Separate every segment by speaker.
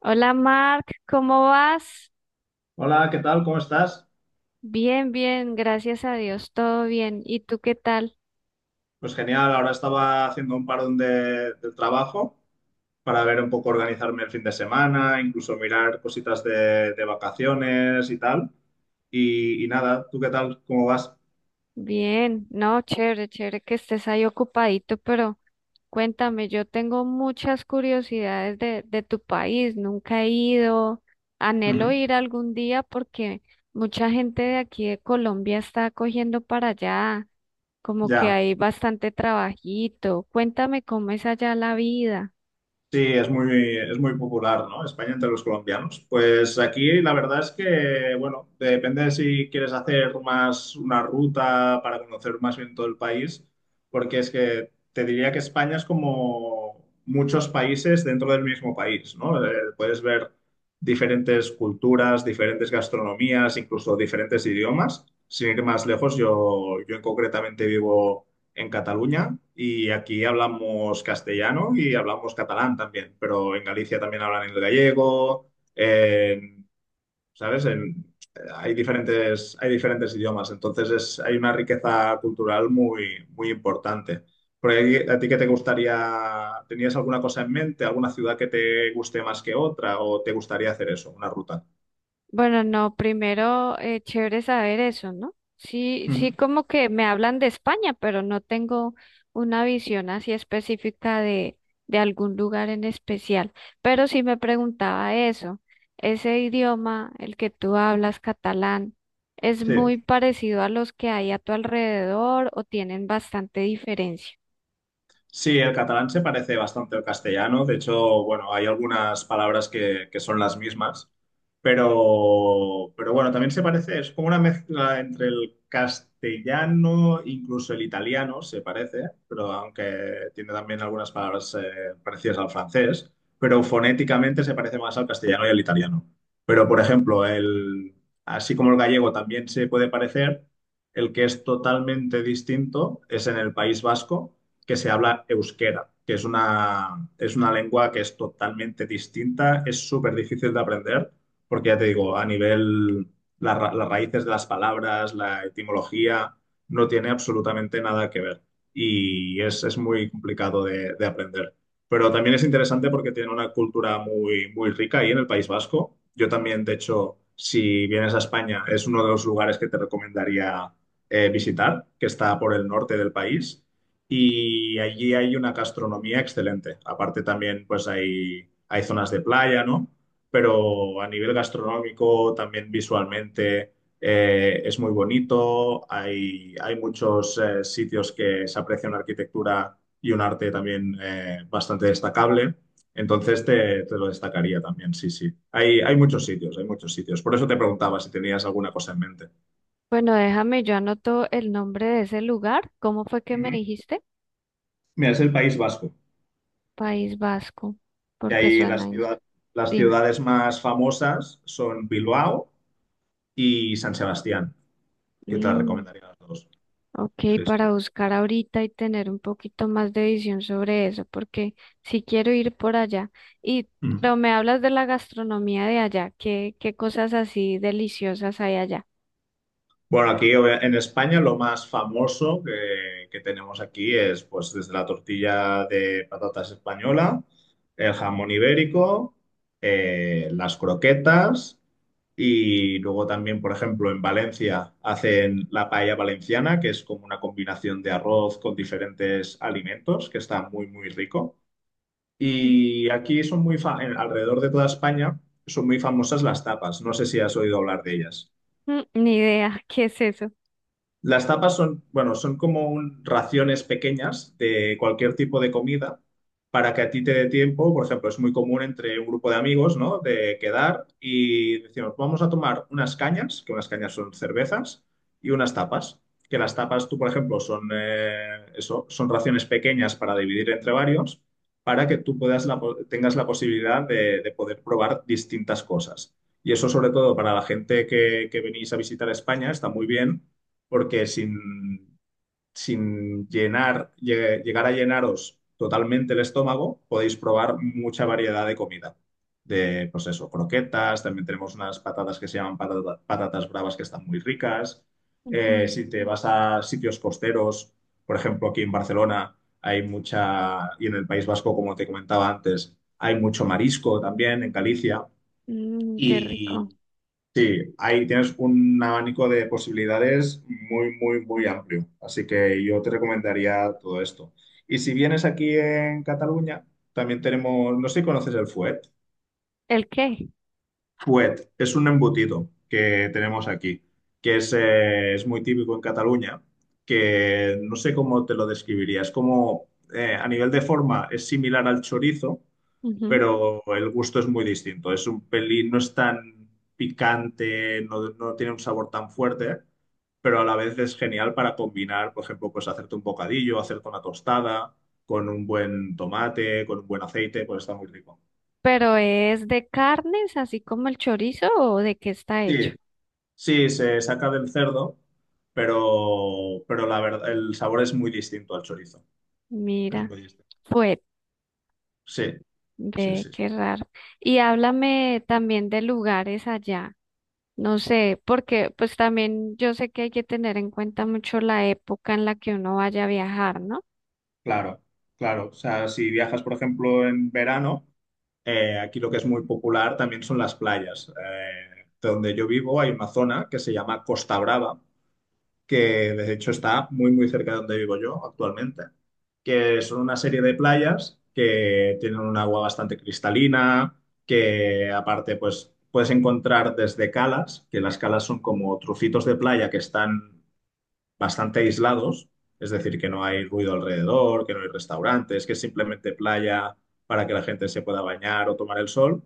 Speaker 1: Hola Mark, ¿cómo vas?
Speaker 2: Hola, ¿qué tal? ¿Cómo estás?
Speaker 1: Bien, bien, gracias a Dios, todo bien. ¿Y tú qué tal?
Speaker 2: Pues genial, ahora estaba haciendo un parón del trabajo para ver un poco organizarme el fin de semana, incluso mirar cositas de vacaciones y tal. Y nada, ¿tú qué tal? ¿Cómo vas?
Speaker 1: Bien, no, chévere, chévere que estés ahí ocupadito, pero cuéntame, yo tengo muchas curiosidades de tu país, nunca he ido, anhelo
Speaker 2: Ujú.
Speaker 1: ir algún día porque mucha gente de aquí de Colombia está cogiendo para allá, como que
Speaker 2: Ya,
Speaker 1: hay bastante trabajito. Cuéntame cómo es allá la vida.
Speaker 2: sí, es muy popular, ¿no?, España entre los colombianos. Pues aquí la verdad es que, bueno, depende de si quieres hacer más una ruta para conocer más bien todo el país, porque es que te diría que España es como muchos países dentro del mismo país, ¿no? Puedes ver diferentes culturas, diferentes gastronomías, incluso diferentes idiomas. Sin ir más lejos, yo concretamente vivo en Cataluña y aquí hablamos castellano y hablamos catalán también, pero en Galicia también hablan el gallego, ¿sabes? En- hay hay diferentes idiomas, entonces es, hay una riqueza cultural muy, muy importante. Por ahí, ¿a ti qué te gustaría? ¿Tenías alguna cosa en mente, alguna ciudad que te guste más que otra, o te gustaría hacer eso, una ruta?
Speaker 1: Bueno, no, primero, chévere saber eso, ¿no? Sí, sí,
Speaker 2: Ujú.
Speaker 1: como que me hablan de España, pero no tengo una visión así específica de algún lugar en especial. Pero sí me preguntaba eso, ese idioma, el que tú hablas, catalán, ¿es muy
Speaker 2: Sí.
Speaker 1: parecido a los que hay a tu alrededor o tienen bastante diferencia?
Speaker 2: Sí, el catalán se parece bastante al castellano. De hecho, bueno, hay algunas palabras que son las mismas. Pero bueno, también se parece, es como una mezcla entre el castellano, incluso el italiano, se parece, pero aunque tiene también algunas palabras parecidas al francés, pero fonéticamente se parece más al castellano y al italiano. Pero, por ejemplo, así como el gallego también se puede parecer, el que es totalmente distinto es en el País Vasco, que se habla euskera, que es es una lengua que es totalmente distinta, es súper difícil de aprender porque ya te digo, a nivel, las raíces de las palabras, la etimología, no tiene absolutamente nada que ver y es muy complicado de aprender. Pero también es interesante porque tiene una cultura muy, muy rica ahí en el País Vasco. Yo también, de hecho, si vienes a España, es uno de los lugares que te recomendaría visitar, que está por el norte del país. Y allí hay una gastronomía excelente. Aparte también, pues hay zonas de playa, ¿no?, pero a nivel gastronómico, también visualmente, es muy bonito. Hay muchos sitios que se aprecia una arquitectura y un arte también bastante destacable. Entonces te lo destacaría también, sí, sí. Hay muchos sitios, hay muchos sitios. Por eso te preguntaba si tenías alguna cosa en mente.
Speaker 1: Bueno, déjame, yo anoto el nombre de ese lugar. ¿Cómo fue que me
Speaker 2: Ujú.
Speaker 1: dijiste?
Speaker 2: Mira, es el País Vasco,
Speaker 1: País Vasco,
Speaker 2: que
Speaker 1: porque
Speaker 2: ahí
Speaker 1: suena, in-
Speaker 2: las
Speaker 1: dime.
Speaker 2: ciudades más famosas son Bilbao y San Sebastián, que te las
Speaker 1: Mm,
Speaker 2: recomendaría a las dos.
Speaker 1: ok,
Speaker 2: Sí, sí.
Speaker 1: para buscar ahorita y tener un poquito más de visión sobre eso, porque si quiero ir por allá. Y,
Speaker 2: Ujú.
Speaker 1: pero me hablas de la gastronomía de allá, ¿qué, qué cosas así deliciosas hay allá?
Speaker 2: Bueno, en España lo más famoso que tenemos aquí es pues desde la tortilla de patatas española, el jamón ibérico, las croquetas y luego también, por ejemplo, en Valencia hacen la paella valenciana, que es como una combinación de arroz con diferentes alimentos, que está muy, muy rico. Y aquí son muy, alrededor de toda España son muy famosas las tapas. No sé si has oído hablar de ellas.
Speaker 1: Mm, ni idea, ¿qué es eso?
Speaker 2: Las tapas son, bueno, son como raciones pequeñas de cualquier tipo de comida para que a ti te dé tiempo. Por ejemplo, es muy común entre un grupo de amigos, ¿no? De quedar y decimos, vamos a tomar unas cañas, que unas cañas son cervezas, y unas tapas. Que las tapas, tú, por ejemplo, son, eso, son raciones pequeñas para dividir entre varios, para que tú tengas la posibilidad de poder probar distintas cosas. Y eso, sobre todo, para la gente que venís a visitar España, está muy bien porque sin llegar a llenaros totalmente el estómago, podéis probar mucha variedad de comida. De, pues eso, croquetas, también tenemos unas patatas que se llaman patatas bravas que están muy ricas.
Speaker 1: Ujú.
Speaker 2: Si te vas a sitios costeros, por ejemplo, aquí en Barcelona hay mucha, y en el País Vasco, como te comentaba antes, hay mucho marisco también, en Galicia.
Speaker 1: Mm, qué rico.
Speaker 2: Sí, ahí tienes un abanico de posibilidades muy, muy, muy amplio. Así que yo te recomendaría todo esto. Y si vienes aquí en Cataluña, también tenemos, no sé si conoces el fuet.
Speaker 1: ¿El qué?
Speaker 2: Fuet es un embutido que tenemos aquí, que es muy típico en Cataluña, que no sé cómo te lo describiría. Es como, a nivel de forma, es similar al chorizo,
Speaker 1: Ujú.
Speaker 2: pero el gusto es muy distinto. Es un pelín, no es tan picante, no tiene un sabor tan fuerte, pero a la vez es genial para combinar, por ejemplo, pues hacerte un bocadillo, hacerte una tostada con un buen tomate, con un buen aceite, pues está muy rico.
Speaker 1: ¿Pero es de carnes, así como el chorizo, o de qué está hecho?
Speaker 2: Sí, sí, se saca del cerdo, pero la verdad, el sabor es muy distinto al chorizo. Es
Speaker 1: Mira,
Speaker 2: muy distinto.
Speaker 1: fue,
Speaker 2: Sí, sí,
Speaker 1: ve,
Speaker 2: sí.
Speaker 1: qué raro. Y háblame también de lugares allá. No sé, porque pues también yo sé que hay que tener en cuenta mucho la época en la que uno vaya a viajar, ¿no?
Speaker 2: Claro, claro. O sea, si viajas, por ejemplo, en verano, aquí lo que es muy popular también son las playas. De donde yo vivo hay una zona que se llama Costa Brava, que de hecho está muy, muy cerca de donde vivo yo actualmente, que son una serie de playas que tienen un agua bastante cristalina, que aparte, pues puedes encontrar desde calas, que las calas son como trocitos de playa que están bastante aislados, es decir, que no hay ruido alrededor, que no hay restaurantes, que es simplemente playa para que la gente se pueda bañar o tomar el sol.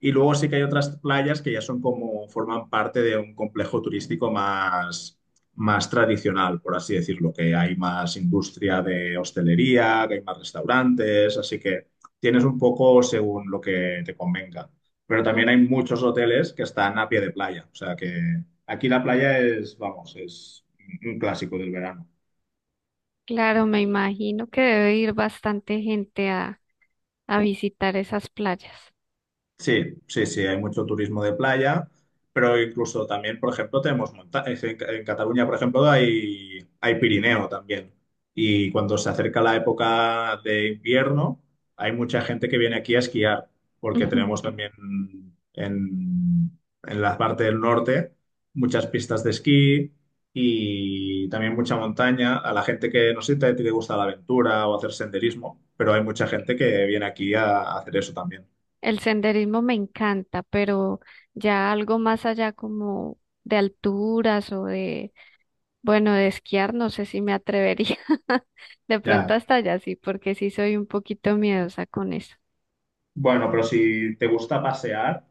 Speaker 2: Y luego sí que hay otras playas que ya son como, forman parte de un complejo turístico más, más tradicional, por así decirlo, que hay más industria de hostelería, que hay más restaurantes, así que tienes un poco según lo que te convenga. Pero
Speaker 1: Ah,
Speaker 2: también hay muchos hoteles que están a pie de playa, o sea que aquí la playa es, vamos, es un clásico del verano.
Speaker 1: claro, me imagino que debe ir bastante gente a visitar esas playas.
Speaker 2: Sí, sí, sí, hay mucho turismo de playa, pero incluso también, por ejemplo, tenemos montañas. En Cataluña, por ejemplo, hay Pirineo también. Y cuando se acerca la época de invierno, hay mucha gente que viene aquí a esquiar, porque
Speaker 1: Ujú.
Speaker 2: tenemos también en la parte del norte muchas pistas de esquí y también mucha montaña. A la gente que, no sé si a ti te gusta la aventura o hacer senderismo, pero hay mucha gente que viene aquí a hacer eso también.
Speaker 1: El senderismo me encanta, pero ya algo más allá como de alturas o de, bueno, de esquiar, no sé si me atrevería. De pronto
Speaker 2: Ya,
Speaker 1: hasta allá sí, porque sí soy un poquito miedosa con eso.
Speaker 2: bueno, pero si te gusta pasear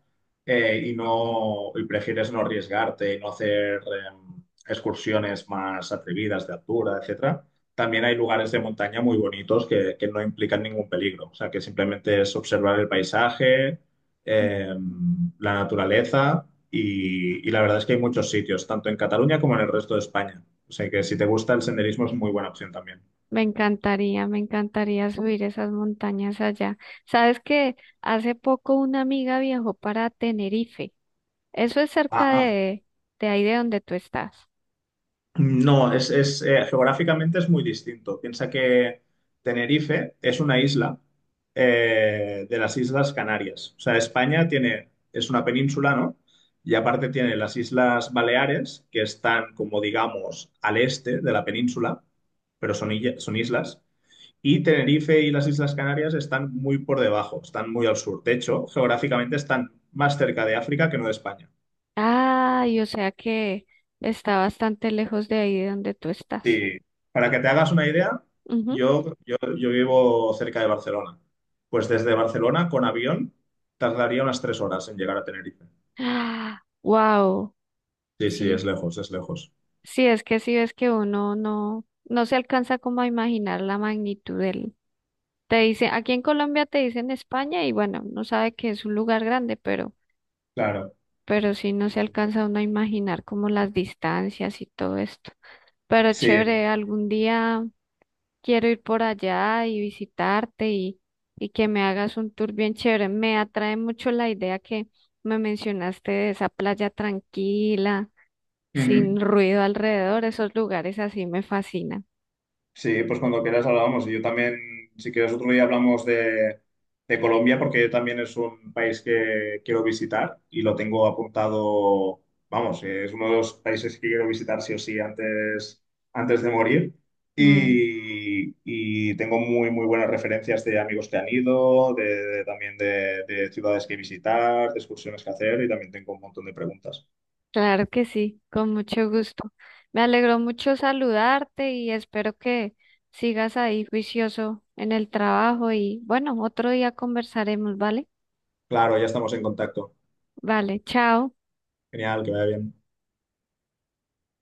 Speaker 2: y prefieres no arriesgarte y no hacer excursiones más atrevidas de altura, etcétera, también hay lugares de montaña muy bonitos que no implican ningún peligro. O sea, que simplemente es observar el paisaje, la naturaleza y la verdad es que hay muchos sitios, tanto en Cataluña como en el resto de España. O sea, que si te gusta el senderismo es muy buena opción también.
Speaker 1: Me encantaría subir esas montañas allá. Sabes que hace poco una amiga viajó para Tenerife. Eso es cerca
Speaker 2: Ah.
Speaker 1: de ahí de donde tú estás.
Speaker 2: No, geográficamente es muy distinto. Piensa que Tenerife es una isla de las Islas Canarias. O sea, España tiene, es una península, ¿no? Y aparte tiene las Islas Baleares, que están como digamos al este de la península, pero son, son islas. Y Tenerife y las Islas Canarias están muy por debajo, están muy al sur. De hecho, geográficamente están más cerca de África que no de España.
Speaker 1: Ay, o sea que está bastante lejos de ahí de donde tú estás.
Speaker 2: Sí, para que te hagas una idea,
Speaker 1: Ujú.
Speaker 2: yo vivo cerca de Barcelona. Pues desde Barcelona con avión tardaría unas 3 horas en llegar a Tenerife.
Speaker 1: Ah, wow,
Speaker 2: Sí, sí, es
Speaker 1: sí.
Speaker 2: lejos, es lejos.
Speaker 1: Sí, es que uno no, no se alcanza como a imaginar la magnitud del. Te dice, aquí en Colombia te dicen España y bueno, no sabe que es un lugar grande,
Speaker 2: Claro.
Speaker 1: pero sí no
Speaker 2: Sí,
Speaker 1: se
Speaker 2: sí.
Speaker 1: alcanza uno a imaginar como las distancias y todo esto. Pero
Speaker 2: Sí.
Speaker 1: chévere, algún día quiero ir por allá y visitarte y que me hagas un tour bien chévere. Me atrae mucho la idea que me mencionaste de esa playa tranquila,
Speaker 2: Ujú.
Speaker 1: sin ruido alrededor, esos lugares así me fascinan.
Speaker 2: Sí, pues cuando quieras hablamos. Y yo también, si quieres, otro día hablamos de Colombia, porque también es un país que quiero visitar y lo tengo apuntado, vamos, es uno de los países que quiero visitar sí o sí antes, antes de morir.
Speaker 1: Mm.
Speaker 2: Y tengo muy, muy buenas referencias de amigos que han ido, también de ciudades que visitar, de excursiones que hacer y también tengo un montón de preguntas.
Speaker 1: Claro que sí, con mucho gusto. Me alegró mucho saludarte y espero que sigas ahí juicioso en el trabajo y bueno, otro día conversaremos, ¿vale?
Speaker 2: Claro, ya estamos en contacto.
Speaker 1: Vale, chao.
Speaker 2: Genial, que vaya bien.